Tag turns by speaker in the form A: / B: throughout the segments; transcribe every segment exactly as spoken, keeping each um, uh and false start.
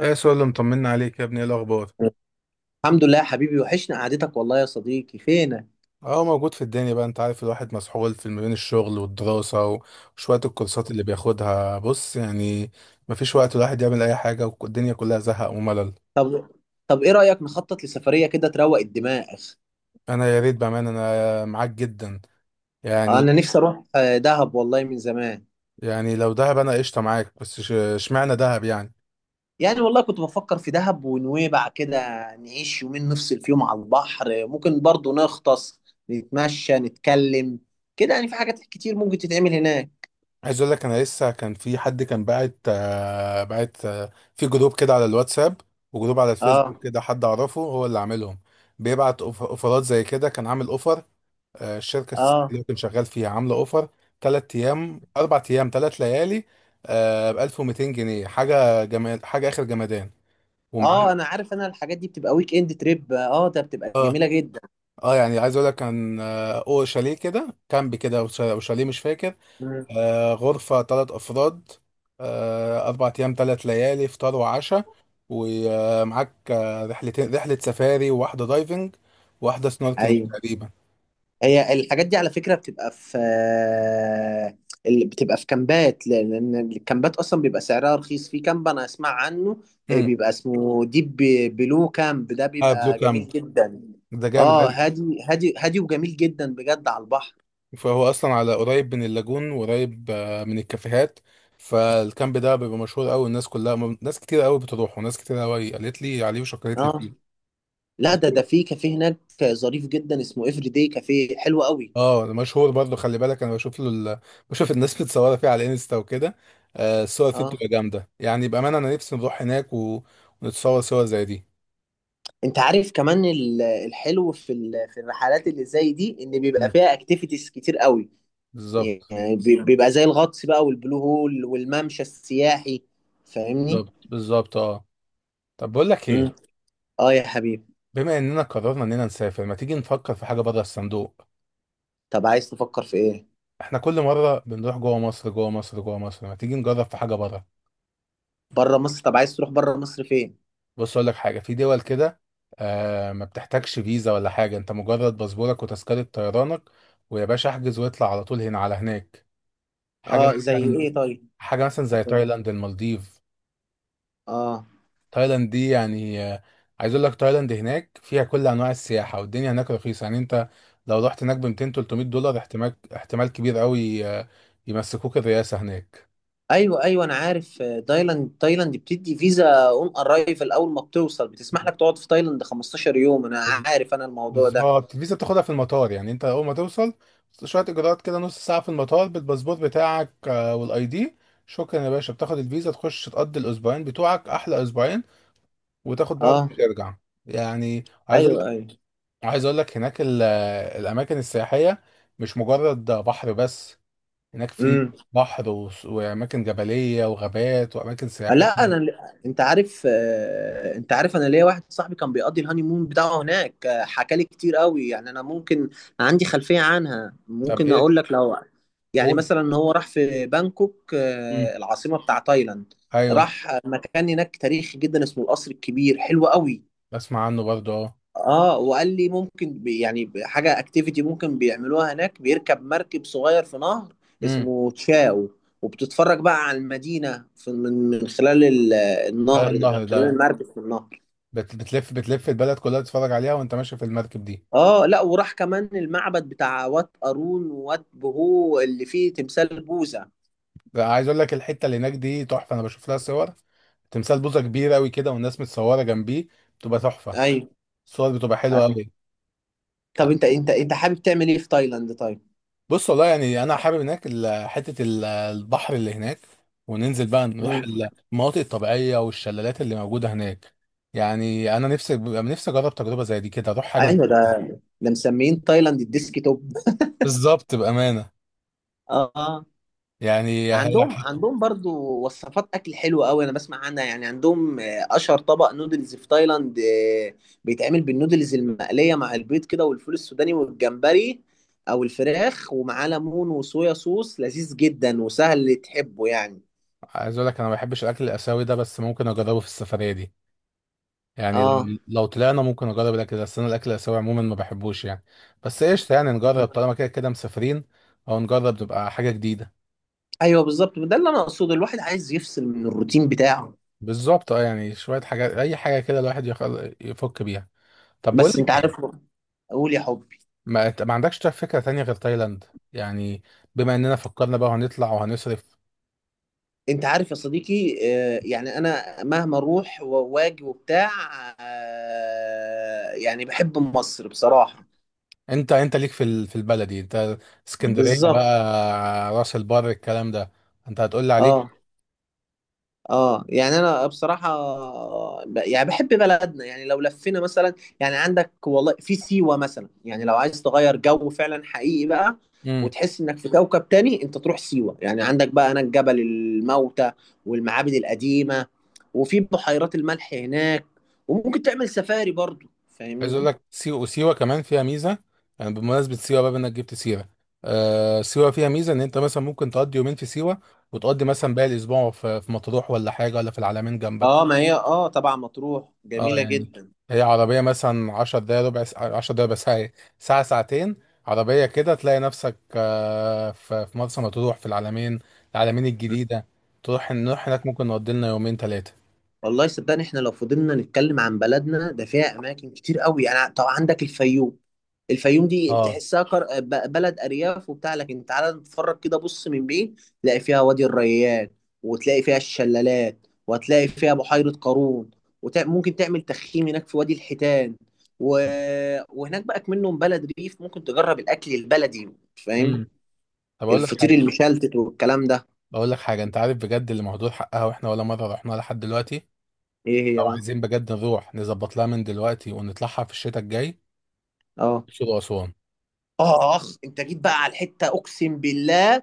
A: ايه سؤال اللي مطمنا عليك يا ابني؟ ايه الاخبار؟
B: الحمد لله يا حبيبي، وحشنا قعدتك والله يا صديقي، فينك؟
A: اه، موجود في الدنيا بقى. انت عارف الواحد مسحول في ما بين الشغل والدراسة وشوية الكورسات اللي بياخدها. بص يعني مفيش وقت الواحد يعمل اي حاجة، والدنيا كلها زهق وملل.
B: طب طب ايه رأيك نخطط لسفرية كده تروق الدماغ؟
A: انا يا ريت بأمانة انا معاك جدا.
B: آه،
A: يعني
B: انا نفسي اروح آه، دهب والله من زمان.
A: يعني لو دهب انا قشطة معاك، بس ش- اشمعنى دهب يعني؟
B: يعني والله كنت بفكر في دهب ونويبع كده. نعيش يومين نفصل فيهم على البحر، ممكن برضو نغطس، نتمشى، نتكلم. كده يعني في حاجات كتير ممكن تتعمل هناك.
A: عايز اقول لك انا لسه كان في حد كان باعت آه، باعت آه، في جروب كده على الواتساب وجروب على
B: اه.
A: الفيسبوك كده، حد اعرفه هو اللي عاملهم. بيبعت أوف- اوفرات زي كده. كان عامل اوفر، آه، الشركه السنة
B: اه
A: اللي كنت شغال فيها عامله اوفر: ثلاث ايام اربع ايام ثلاث ليالي ب ألف ومائتين جنيه. حاجه جمال، حاجه اخر جمدان،
B: اه
A: ومعانا
B: انا عارف، انا الحاجات دي بتبقى ويك اند تريب، اه ده بتبقى
A: اه.
B: جميلة جدا.
A: اه يعني عايز اقول لك كان آه، او شاليه كده، كامب كده وش- وشاليه مش فاكر.
B: مم.
A: آه، غرفه ثلاث افراد، آه، اربع ايام ثلاث ليالي، فطار وعشاء، ومعاك آه رحلتين: رحله سفاري وواحده دايفنج وواحده سنوركلينج
B: ايوه،
A: تقريبا.
B: هي الحاجات دي على فكرة بتبقى في، اللي بتبقى في كامبات، لأن الكامبات أصلا بيبقى سعرها رخيص. في كامب أنا أسمع عنه، آه،
A: امم
B: بيبقى اسمه ديب بلو كامب، ده
A: اه، بلو
B: بيبقى
A: كامب
B: جميل جدا.
A: ده جامد.
B: اه، هادي هادي هادي وجميل جدا بجد على البحر.
A: فهو اصلا على قريب من اللاجون، وقريب آه، من الكافيهات. فالكامب ده بيبقى مشهور قوي، الناس كلها م- ناس كتير قوي بتروح، وناس كتير قوي قالت لي عليه وشكرت لي
B: اه
A: فيه.
B: لا،
A: بس-
B: ده ده في كافيه هناك ظريف جدا اسمه افري داي كافيه، حلو قوي.
A: اه ده مشهور برضه. خلي بالك انا بشوف له ال... بشوف الناس متصوره فيه على انستا وكده. آه، الصور فيه
B: اه،
A: بتبقى جامده، يعني بامانه انا نفسي نروح هناك و... ونتصور صور زي دي.
B: انت عارف كمان ال- الحلو في ال- في الرحلات اللي زي دي ان بيبقى
A: مم.
B: فيها اكتيفيتيز كتير قوي.
A: بالظبط،
B: يعني بي- بيبقى زي الغطس بقى والبلو هول والممشى السياحي، فاهمني؟
A: بالظبط، بالظبط اه. طب بقول لك
B: امم.
A: ايه،
B: اه يا حبيبي.
A: بما اننا قررنا اننا نسافر، ما تيجي نفكر في حاجه بره الصندوق.
B: طب عايز تفكر في ايه؟
A: احنا كل مرة بنروح جوه مصر، جوه مصر، جوه مصر، ما تيجي نجرب في حاجة بره.
B: بره مصر؟ طب عايز تروح بره مصر فين؟
A: بص اقول لك حاجة، في دول كده آه ما بتحتاجش فيزا ولا حاجة، انت مجرد باسبورك وتذكرة طيرانك ويا باشا احجز واطلع على طول هنا على هناك. حاجة
B: اه، زي
A: مثلا،
B: ايه طيب؟
A: حاجة مثلا زي تايلاند، المالديف.
B: اه،
A: تايلاند دي يعني آه، عايز اقول لك تايلاند هناك فيها كل انواع السياحة، والدنيا هناك رخيصة. يعني انت لو رحت هناك ب متين ثلاثمية دولار احتمال، احتمال كبير قوي آه، يمسكوك الرئاسة هناك.
B: ايوه ايوه انا عارف، آه، تايلاند. تايلاند بتدي فيزا اون ارايفل، اول ما بتوصل بتسمح لك تقعد في تايلاند 15 يوم، انا عارف انا الموضوع ده.
A: بالظبط، الفيزا بتاخدها في المطار. يعني انت اول ما توصل شويه اجراءات كده، نص ساعه في المطار بالباسبور بتاعك آه، والاي دي. شكرا يا باشا، بتاخد الفيزا تخش تقضي الاسبوعين بتوعك احلى اسبوعين وتاخد بعضك
B: اه
A: وترجع. يعني عايز اقول
B: ايوه
A: لك،
B: ايوه.
A: عايز اقول لك هناك ال- الاماكن السياحيه مش مجرد بحر بس، هناك في
B: امم.
A: بحر و- واماكن جبليه وغابات واماكن سياحيه.
B: لا انا، انت عارف، آه، انت عارف انا ليا واحد صاحبي كان بيقضي الهاني مون بتاعه هناك، آه، حكى لي كتير قوي، يعني انا ممكن عندي خلفية عنها
A: طب
B: ممكن
A: ايه؟
B: اقول لك. لو يعني
A: قول.
B: مثلا هو راح في بانكوك،
A: مم.
B: آه، العاصمة بتاع تايلاند.
A: ايوه،
B: راح مكان هناك تاريخي جدا اسمه القصر الكبير، حلو قوي.
A: بسمع عنه برضه اه.
B: اه، وقال لي ممكن بي- يعني ب- حاجه اكتيفيتي ممكن بيعملوها هناك، بيركب مركب صغير في نهر
A: امم،
B: اسمه تشاو، وبتتفرج بقى على المدينه في من من خلال ال-
A: خلال
B: النهر ده، من
A: النهر
B: خلال
A: ده
B: المركب في النهر.
A: بت- بتلف، بتلف البلد كلها تتفرج عليها وانت ماشي في المركب دي.
B: اه لا، وراح كمان المعبد بتاع وات قارون ووات بهو اللي فيه تمثال بوذا.
A: لا، عايز اقول لك الحته اللي هناك دي تحفه. انا بشوف لها صور، تمثال بوزه كبير قوي كده والناس متصوره جنبيه، بتبقى تحفه.
B: ايوه.
A: الصور بتبقى حلوه
B: ايوه،
A: قوي.
B: طب انت انت انت حابب تعمل ايه في تايلاند طيب؟
A: بص والله يعني انا حابب هناك ال- حته ال- البحر اللي هناك، وننزل بقى نروح
B: مم.
A: المناطق الطبيعيه والشلالات اللي موجوده هناك. يعني انا نفسي نفسي اجرب تجربه زي دي كده، اروح حاجه زي-
B: ايوه، ده ده مسميين تايلاند الديسك توب.
A: بالظبط بامانه.
B: اه،
A: يعني هي-
B: عندهم عندهم برضو وصفات اكل حلوه قوي انا بسمع عنها. يعني عندهم آه، اشهر طبق نودلز في تايلاند، آه، بيتعمل بالنودلز المقليه مع البيض كده والفول السوداني والجمبري او الفراخ، ومعاه ليمون وصويا صوص، لذيذ جدا وسهل، تحبه يعني.
A: عايز اقول لك انا ما بحبش الاكل الاسيوي ده، بس ممكن اجربه في السفريه دي. يعني
B: اه.
A: لو لو طلعنا ممكن نجرب الاكل ده، بس انا الاكل الاسيوي عموما ما بحبوش يعني. بس ايش يعني، نجرب طالما كده كده مسافرين، او نجرب تبقى حاجه جديده.
B: ايوه بالظبط، ده اللي انا اقصده، الواحد عايز يفصل من الروتين بتاعه.
A: بالظبط اه، يعني شويه حاجات، اي حاجه كده الواحد يخل... يفك بيها. طب بقول
B: بس
A: لك
B: انت عارف،
A: ايه،
B: قول يا حبي.
A: ما... ما عندكش طيب فكره تانية غير تايلاند؟ يعني بما اننا فكرنا بقى وهنطلع وهنصرف.
B: انت عارف يا صديقي، آه، يعني انا مهما اروح واجي وبتاع، آه، يعني بحب مصر بصراحة.
A: انت انت ليك في ال... في البلدي انت، اسكندريه
B: بالظبط.
A: بقى، راس البر، الكلام ده. انت هتقول لي عليك.
B: اه. اه يعني انا بصراحه، ب- يعني بحب بلدنا. يعني لو لفينا مثلا، يعني عندك والله في سيوه مثلا. يعني لو عايز تغير جو فعلا حقيقي بقى وتحس انك في كوكب تاني، انت تروح سيوه. يعني عندك بقى هناك جبل الموتى والمعابد القديمه، وفي بحيرات الملح هناك، وممكن تعمل سفاري برضو،
A: عايز اقول
B: فاهمني؟
A: لك سيوة، سيوة كمان فيها ميزه. يعني بمناسبه سيوة بقى انك جبت سيره، آه سيوة فيها ميزه ان انت مثلا ممكن تقضي يومين في سيوة وتقضي مثلا باقي الاسبوع في, في مطروح ولا حاجه ولا في العلمين جنبك.
B: اه، ما هي اه طبعا مطروح
A: اه
B: جميله
A: يعني
B: جدا.
A: هي عربيه مثلا عشر دقايق، ربع ساعه، عشر دقايق بس، ساعه، ساعة- ساعتين عربيه كده تلاقي نفسك آه في, في مرسى مطروح، في العلمين، العلمين الجديده. تروح، نروح هناك ممكن نقضي لنا يومين ثلاثه.
B: والله صدقني، احنا لو فضلنا نتكلم عن بلدنا ده فيها اماكن كتير قوي. يعني طبعا عندك الفيوم. الفيوم دي
A: اه.
B: تحسها كر... ب- بلد ارياف وبتاع، لكن تعالى نتفرج كده، بص من بعيد تلاقي فيها وادي الريان، وتلاقي فيها الشلالات، وهتلاقي فيها بحيرة قارون، وممكن تعمل تخييم هناك في وادي الحيتان و... وهناك بقى منهم بلد ريف، ممكن تجرب الاكل البلدي، فاهم؟
A: امم. طب اقول لك
B: الفطير
A: حاجه،
B: المشلتت والكلام ده.
A: بقول لك حاجة: انت عارف بجد اللي مهدور حقها واحنا ولا مرة رحنا لحد دلوقتي؟
B: ايه
A: لو
B: هي بقى؟
A: عايزين بجد نروح نظبط لها من دلوقتي ونطلعها في الشتاء الجاي:
B: اه.
A: الأقصر وأسوان.
B: اخ انت جيت بقى على الحتة، اقسم بالله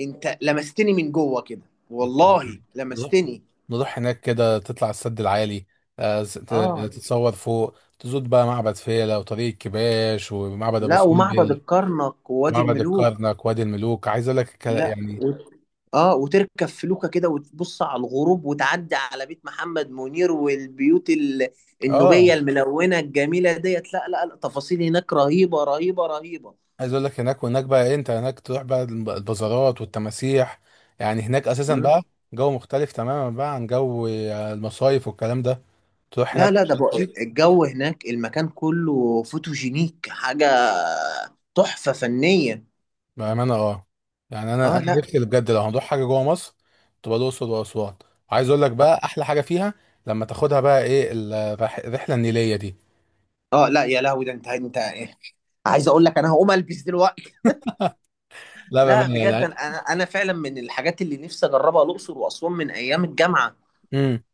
B: انت لمستني من جوه كده،
A: بجد.
B: والله
A: نروح،
B: لمستني.
A: نروح هناك كده، تطلع السد العالي، آه، س- ت-
B: اه
A: تتصور فوق، تزود بقى معبد فيلة وطريق الكباش ومعبد أبو
B: لا، ومعبد
A: سمبل.
B: الكرنك ووادي
A: معبد
B: الملوك.
A: الكرنك، وادي الملوك، عايز اقول لك الك-
B: لا
A: يعني
B: و... اه، وتركب فلوكة كده وتبص على الغروب، وتعدي على بيت محمد منير والبيوت ال...
A: اه،
B: النوبية الملونة الجميلة ديت. لا لا لا، تفاصيل هناك رهيبة رهيبة رهيبة.
A: عايز اقول لك هناك، وهناك بقى إيه، انت هناك تروح بقى الب- البازارات والتماسيح. يعني هناك اساسا
B: مم.
A: بقى جو مختلف تماما بقى عن جو آه، المصايف والكلام ده. تروح
B: لا
A: هناك
B: لا، ده بقى
A: شتي
B: الجو هناك، المكان كله فوتوجينيك، حاجة تحفة فنية.
A: بامانه اه. يعني انا
B: اه
A: انا
B: لا.
A: نفسي بجد لو هنروح حاجه جوه مصر، تبقى الاقصر واسوان. عايز اقول لك بقى احلى حاجه فيها، لما تاخدها بقى ايه، الرح- الرحله النيليه دي.
B: اه لا يا لهوي، ده انت انت إيه؟ عايز اقول لك انا هقوم البس دلوقتي.
A: لا
B: لا
A: بامانه
B: بجد،
A: يعني.
B: انا انا فعلا من الحاجات اللي نفسي اجربها الاقصر واسوان من ايام الجامعه.
A: امم.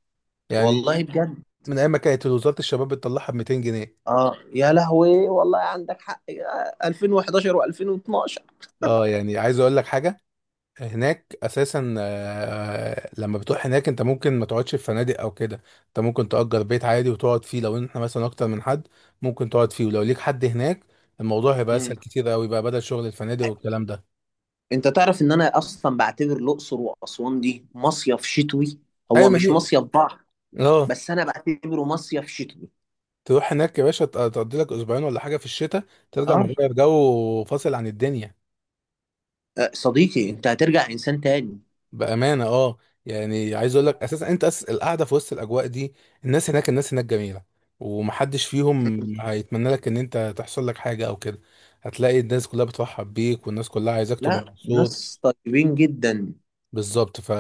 A: يعني
B: والله بجد.
A: من ايام ما كانت وزاره الشباب بتطلعها ب مائتين جنيه.
B: اه يا لهوي، والله عندك حق يا ألفين وحداشر و2012.
A: اه، يعني عايز اقول لك حاجه، هناك اساسا آه، لما بتروح هناك انت ممكن ما تقعدش في فنادق او كده، انت ممكن تأجر بيت عادي وتقعد فيه. لو احنا مثلا اكتر من حد ممكن تقعد فيه، ولو ليك حد هناك الموضوع هيبقى
B: مم.
A: اسهل كتير قوي بقى بدل شغل الفنادق والكلام ده.
B: انت تعرف ان انا اصلا بعتبر الاقصر واسوان دي مصيف شتوي،
A: ايوه
B: هو
A: ما
B: مش
A: هي
B: مصيف بحر،
A: اه،
B: بس انا بعتبره مصيف شتوي.
A: تروح هناك يا باشا ت- تقضي لك اسبوعين ولا حاجه في الشتاء، ترجع
B: اه.
A: مغير جو وفاصل عن الدنيا
B: آه، صديقي انت هترجع انسان تاني.
A: بأمانة اه. يعني عايز اقول لك اساسا انت أساس القعدة في وسط الاجواء دي. الناس هناك، الناس هناك جميلة، ومحدش فيهم
B: مم.
A: هيتمنى لك ان انت تحصل لك حاجة او كده، هتلاقي الناس كلها بترحب بيك والناس كلها عايزاك تبقى
B: لا،
A: مبسوط.
B: ناس طيبين جدا.
A: بالظبط. ف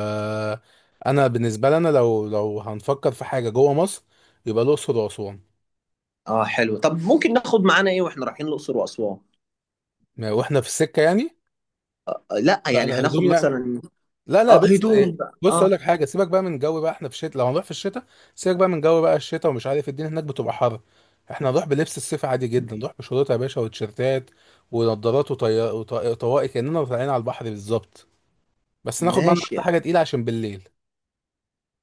A: انا بالنسبة لنا لو لو هنفكر في حاجة جوه مصر، يبقى الأقصر وأسوان.
B: اه حلو. طب ممكن ناخد معانا ايه واحنا رايحين الاقصر واسوان؟
A: ما- واحنا في السكة يعني،
B: آه، لا يعني
A: فانا
B: هناخد
A: هدومي.
B: مثلا،
A: لا لا
B: اه
A: بص إيه،
B: هدوم بقى
A: بص
B: اه،
A: اقول لك حاجه، سيبك بقى من جو بقى، احنا في الشتاء لو هنروح في الشتاء، سيبك بقى من جو بقى الشتاء، ومش عارف الدنيا هناك بتبقى حر. احنا هنروح بلبس الصيف عادي جدا، نروح بشورت يا باشا وتيشيرتات ونضارات وطي... وط- وطواقي كاننا طالعين على البحر بالظبط. بس ناخد معانا
B: ماشي
A: بس
B: يعني.
A: حاجه تقيله عشان بالليل.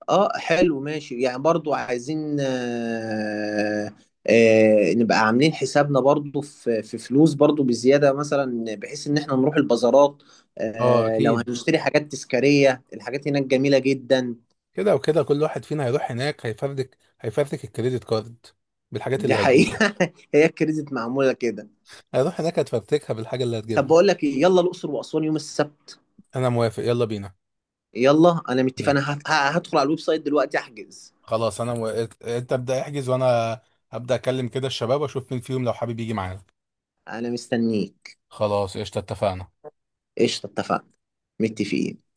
B: اه حلو، ماشي يعني. برضو عايزين آه، آه نبقى عاملين حسابنا برضو في في فلوس برضو بزيادة، مثلا بحيث ان احنا نروح البازارات،
A: اه
B: آه لو
A: اكيد،
B: هنشتري حاجات تذكارية، الحاجات هناك جميلة جدا.
A: كده وكده كل واحد فينا هيروح هناك هيفردك هيفردك الكريدت كارد بالحاجات
B: دي
A: اللي هتجيبها.
B: حقيقة. هي كريزت معمولة كده.
A: هيروح هناك هتفرتكها بالحاجه اللي
B: طب
A: هتجيبها.
B: بقول لك ايه، يلا الأقصر وأسوان يوم السبت.
A: انا موافق، يلا بينا.
B: يلا، انا متفق،
A: يلا.
B: انا هت- ه- هدخل على الويب سايت دلوقتي احجز.
A: خلاص انا و... انت ابدا احجز، وانا هبدا اكلم كده الشباب واشوف مين فيهم لو حابب يجي معانا.
B: انا مستنيك.
A: خلاص قشطة اتفقنا.
B: قشطة اتفقنا. متفقين.